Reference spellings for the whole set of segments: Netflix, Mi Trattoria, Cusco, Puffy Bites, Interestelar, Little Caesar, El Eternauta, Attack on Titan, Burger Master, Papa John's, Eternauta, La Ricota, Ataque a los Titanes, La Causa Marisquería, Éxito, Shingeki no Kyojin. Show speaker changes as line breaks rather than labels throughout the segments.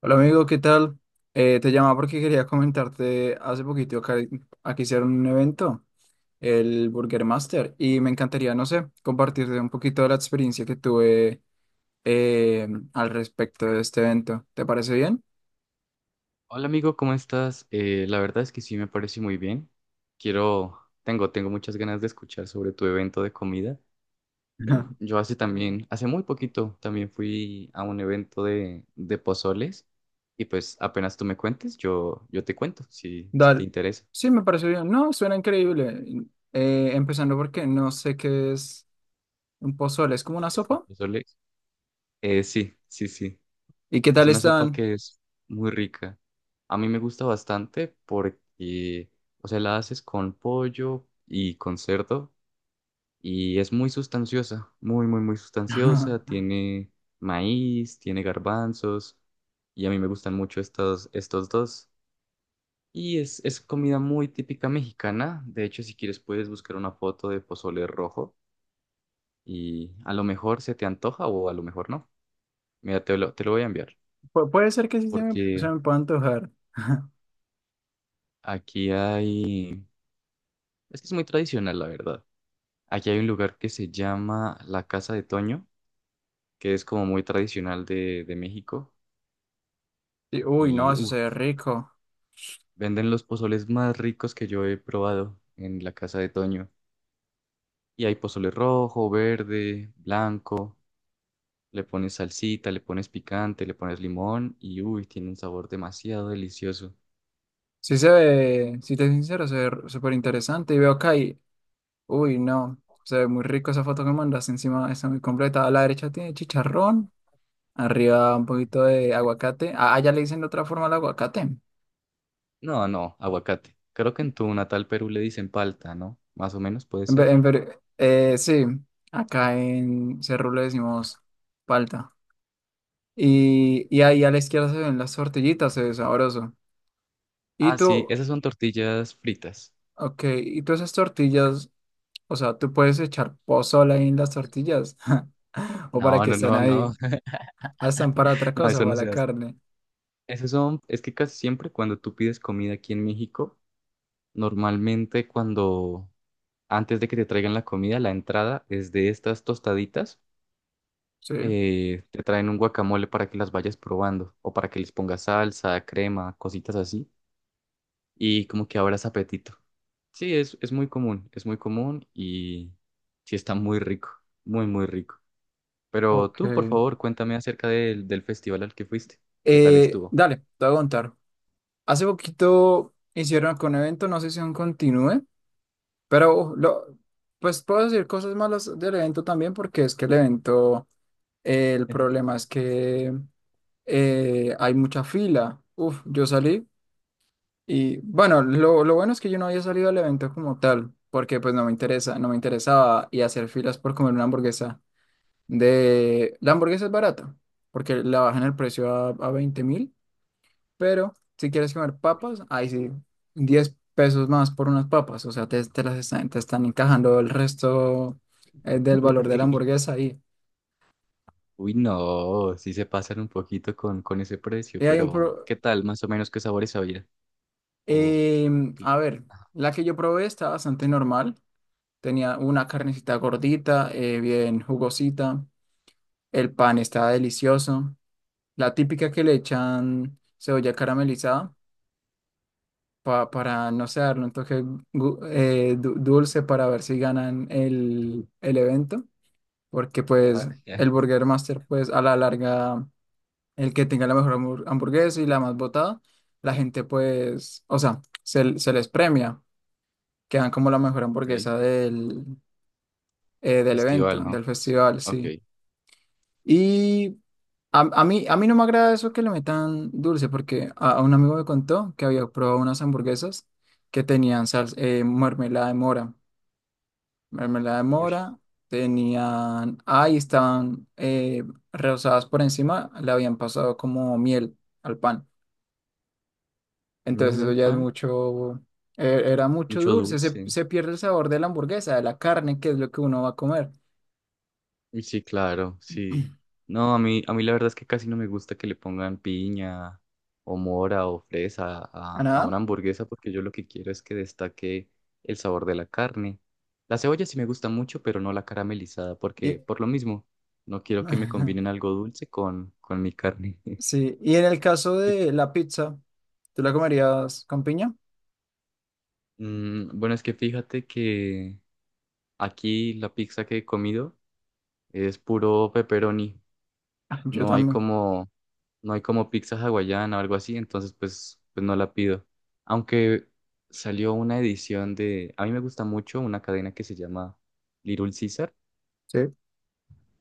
Hola amigo, ¿qué tal? Te llamaba porque quería comentarte hace poquito que aquí hicieron un evento, el Burger Master, y me encantaría, no sé, compartirte un poquito de la experiencia que tuve eh, al respecto de este evento. ¿Te parece bien?
Hola amigo, ¿cómo estás? La verdad es que sí me parece muy bien. Quiero, tengo muchas ganas de escuchar sobre tu evento de comida.
Ajá.
Yo hace también, hace muy poquito, también fui a un evento de pozoles y pues apenas tú me cuentes, yo te cuento si te
Dale.
interesa.
Sí, me parece bien. No, suena increíble. Empezando porque no sé qué es un pozole, es como una
¿Es un
sopa.
pozole? Sí, sí, sí.
¿Y qué
Es
tal
una sopa
están?
que es muy rica. A mí me gusta bastante porque, o sea, la haces con pollo y con cerdo. Y es muy sustanciosa, muy, muy, muy sustanciosa. Tiene maíz, tiene garbanzos y a mí me gustan mucho estos, estos dos. Y es comida muy típica mexicana. De hecho, si quieres puedes buscar una foto de pozole rojo y a lo mejor se te antoja o a lo mejor no. Mira, te lo voy a enviar
Puede ser que sí
porque
se me pueda antojar.
aquí hay... Es que es muy tradicional, la verdad. Aquí hay un lugar que se llama La Casa de Toño, que es como muy tradicional de México.
Y, uy, no,
Y
eso se
uff,
ve rico.
venden los pozoles más ricos que yo he probado en la Casa de Toño. Y hay pozole rojo, verde, blanco. Le pones salsita, le pones picante, le pones limón y uy, tiene un sabor demasiado delicioso.
Sí se ve, si te soy sincero, se ve súper interesante. Y veo acá y, uy, no, se ve muy rico esa foto que mandas. Encima está muy completa. A la derecha tiene chicharrón, arriba un poquito de aguacate. Ah, allá le dicen de otra forma al aguacate. En
No, no, aguacate. Creo que en tu natal Perú le dicen palta, ¿no? Más o menos puede
ve-
ser.
en ver- Sí, acá en Cerro le decimos palta. Y ahí a la izquierda se ven las tortillitas, se ve sabroso. Y
Ah, sí,
tú,
esas son tortillas fritas.
ok, y tú esas tortillas, o sea, tú puedes echar pozole ahí en las tortillas. ¿O para
No,
que
no,
están
no, no.
ahí? Ah, están para otra
No,
cosa,
eso
para
no
la
se hace.
carne.
Esos son, es que casi siempre cuando tú pides comida aquí en México, normalmente cuando antes de que te traigan la comida, la entrada es de estas tostaditas.
Sí,
Te traen un guacamole para que las vayas probando o para que les pongas salsa, crema, cositas así y como que abras apetito. Sí, es muy común, es muy común y sí está muy rico, muy, muy rico. Pero tú, por
ok.
favor, cuéntame acerca del festival al que fuiste. ¿Qué tal
Eh,
estuvo?
dale, te voy a contar. Hace poquito hicieron con un evento, no sé si aún continúe, pero pues puedo decir cosas malas del evento también, porque es que el evento, el problema es que hay mucha fila. Uf, yo salí y bueno, lo bueno es que yo no había salido al evento como tal, porque pues no me interesa, no me interesaba y hacer filas por comer una hamburguesa. De la hamburguesa es barata, porque la bajan el precio a 20,000, pero si quieres comer papas, ahí sí, 10 pesos más por unas papas, o sea, te las están, te están encajando el resto del valor de la
Uy,
hamburguesa ahí.
uy, no, sí se pasan un poquito con ese precio,
Y hay un
pero ¿qué tal más o menos qué sabores había? O sí.
a ver,
Ah,
la que yo probé está bastante normal, tenía una carnecita gordita, bien jugosita, el pan está delicioso, la típica que le echan cebolla caramelizada. Para, no sé, darle un toque dulce para ver si ganan el evento, porque pues el Burger Master, pues a la larga, el que tenga la mejor hamburguesa y la más votada, la gente pues, o sea, se les premia, quedan como la mejor
ok, del
hamburguesa del, del evento,
festival, ¿no?
del
Sí,
festival,
ok.
sí. Y a mí no me agrada eso que le metan dulce, porque a un amigo me contó que había probado unas hamburguesas que tenían salsa, mermelada de mora. Mermelada de
Uy,
mora, tenían, ahí estaban rebozadas por encima, le habían pasado como miel al pan.
miel
Entonces eso
al
ya es
pan,
mucho, era mucho
mucho
dulce,
dulce.
se pierde el sabor de la hamburguesa, de la carne, que es lo que uno va a comer.
Uy, sí, claro, sí. No, a mí la verdad es que casi no me gusta que le pongan piña o mora o fresa
¿A
a
nada?
una hamburguesa porque yo lo que quiero es que destaque el sabor de la carne. La cebolla sí me gusta mucho, pero no la caramelizada porque
Y-
por lo mismo no quiero que me combinen algo dulce con mi carne.
Sí, y en el caso
Y,
de la pizza. ¿Tú la comerías con piña?
bueno, es que fíjate que... Aquí la pizza que he comido es puro pepperoni.
Ah, yo
No hay
también.
como, no hay como pizza hawaiana o algo así, entonces pues, pues no la pido. Aunque salió una edición de, a mí me gusta mucho una cadena que se llama Little Caesar
Sí,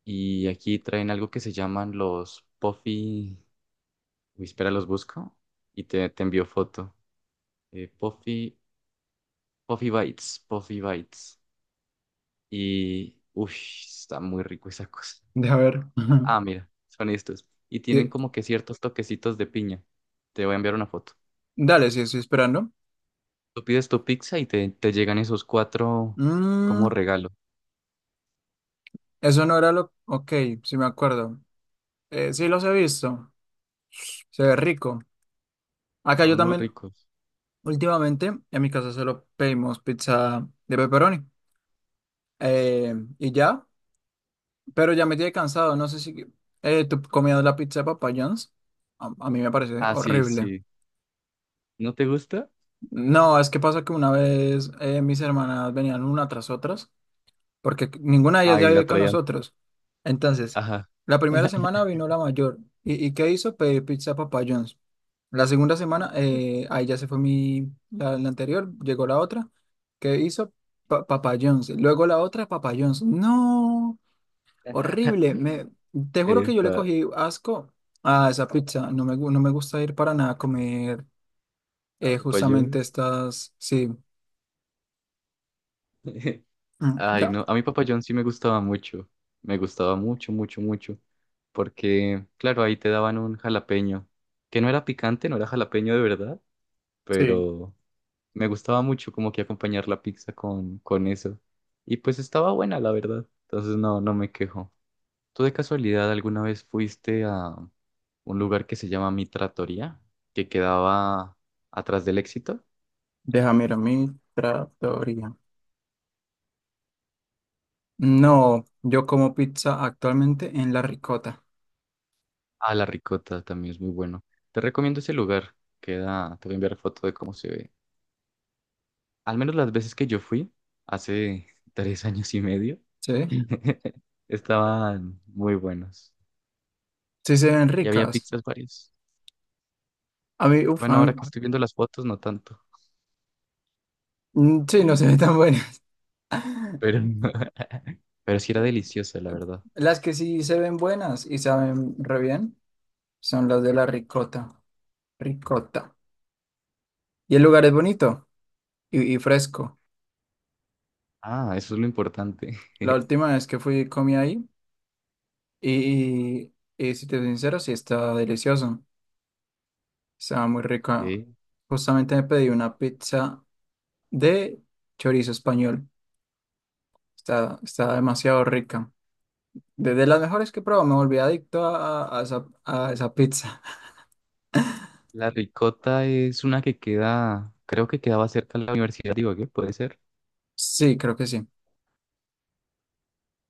y aquí traen algo que se llaman los Puffy, uy, espera, los busco y te envío foto. Eh, Puffy, Puffy Bites, Puffy Bites. Y, uff, está muy rico esa cosa.
de a ver.
Ah, mira, son estos. Y tienen
Y-
como que ciertos toquecitos de piña. Te voy a enviar una foto.
dale, sí, estoy esperando.
Tú pides tu pizza y te llegan esos cuatro como
Mm,
regalo.
eso no era lo. Ok, sí me acuerdo. Sí los he visto. Se ve rico. Acá yo
Son muy
también,
ricos.
últimamente, en mi casa solo pedimos pizza de pepperoni. Eh, y ya, pero ya me tiene cansado. No sé si tú comías la pizza de Papa John's. A mí me parece
Ah, sí,
horrible.
sí. ¿No te gusta?
No, es que pasa que una vez mis hermanas venían una tras otras, porque ninguna de ellas
Ah,
ya
y la
vive con
traían.
nosotros. Entonces,
Ajá.
la primera semana vino la mayor. ¿Y qué hizo? Pedir pizza a Papa John's. La segunda semana, ahí ya se fue la anterior, llegó la otra. ¿Qué hizo? Papa John's. Luego la otra, Papa John's. No, horrible. Te juro que yo le
Epa,
cogí asco a esa pizza. No me gusta ir para nada a comer
a Papa
justamente
John's.
estas, sí. Mm,
Ay,
ya.
no, a mí Papa John's sí me gustaba mucho. Me gustaba mucho, mucho, mucho. Porque, claro, ahí te daban un jalapeño. Que no era picante, no era jalapeño de verdad,
Sí,
pero me gustaba mucho como que acompañar la pizza con eso. Y pues estaba buena, la verdad. Entonces no, no me quejo. ¿Tú de casualidad alguna vez fuiste a un lugar que se llama Mi Trattoria, que quedaba atrás del Éxito?
deja, mira, Mi Trattoria. No, yo como pizza actualmente en La Ricota,
Ah, La Ricota también es muy bueno. Te recomiendo ese lugar. Queda, te voy a enviar foto de cómo se ve. Al menos las veces que yo fui, hace 3 años y medio,
¿sí?
estaban muy buenos.
Sí se ven
Y había
ricas.
pizzas varias.
A
Bueno,
mí,
ahora que estoy viendo las fotos, no tanto.
sí, no se ven tan buenas.
Pero, pero sí era deliciosa, la verdad.
Las que sí se ven buenas y saben re bien son las de La Ricota, ricota. Y el lugar es bonito y fresco.
Ah, eso es lo importante.
La última vez que fui comí ahí y, y, y si te soy sincero, sí está delicioso. Estaba muy rica.
Sí.
Justamente me pedí una pizza de chorizo español. Está demasiado rica. Desde las mejores que he probado, me volví adicto a esa pizza.
La Ricota es una que queda, creo que quedaba cerca de la universidad, digo, ¿qué puede ser?
Sí, creo que sí.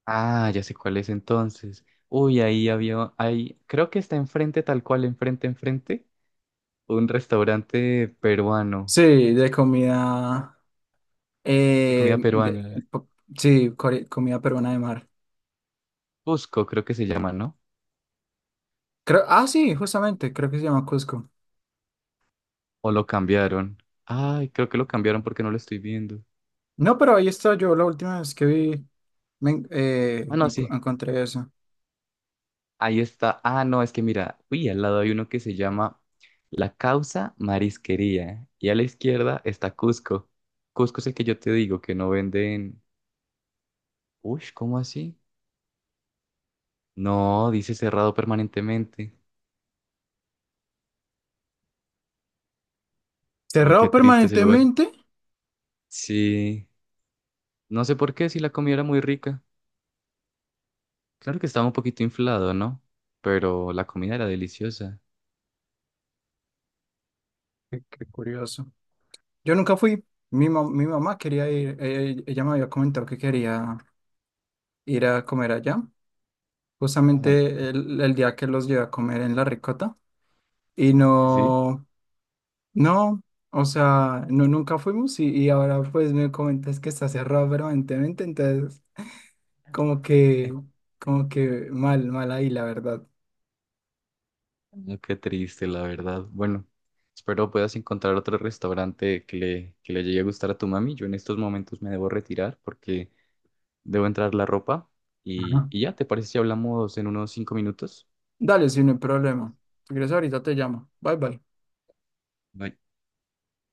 Ah, ya sé cuál es entonces. Uy, ahí había, ahí, creo que está enfrente, tal cual, enfrente, enfrente, un restaurante peruano,
Sí, de comida.
de
eh,
comida
de-
peruana.
po- sí, comida peruana de mar.
Cusco, creo que se llama, ¿no?
Creo, ah, sí, justamente, creo que se llama Cusco.
O lo cambiaron. Ay, creo que lo cambiaron porque no lo estoy viendo.
No, pero ahí está yo la última vez que vi,
Bueno, sí.
encontré eso.
Ahí está. Ah, no, es que mira, uy, al lado hay uno que se llama La Causa Marisquería. Y a la izquierda está Cusco. Cusco es el que yo te digo, que no venden. Uy, ¿cómo así? No, dice cerrado permanentemente. Oh,
¿Cerrado
qué triste ese lugar.
permanentemente?
Sí. No sé por qué, si la comida era muy rica. Claro que estaba un poquito inflado, ¿no? Pero la comida era deliciosa.
Qué curioso. Yo nunca fui. Mi mamá quería ir, ella me había comentado que quería ir a comer allá.
Ajá.
Justamente el día que los llevé a comer en La Ricota y
¿Sí?
no, no, o sea, no, nunca fuimos y ahora pues me comentas que está cerrado permanentemente, entonces como que, como que mal, mal ahí, la verdad.
Mm, qué triste, la verdad. Bueno, espero puedas encontrar otro restaurante que le llegue a gustar a tu mami. Yo en estos momentos me debo retirar porque debo entrar la ropa.
Ajá.
Y ya, ¿te parece si hablamos en unos 5 minutos?
Dale, sin no hay problema. Si quieres ahorita te llamo. Bye bye.
Bye.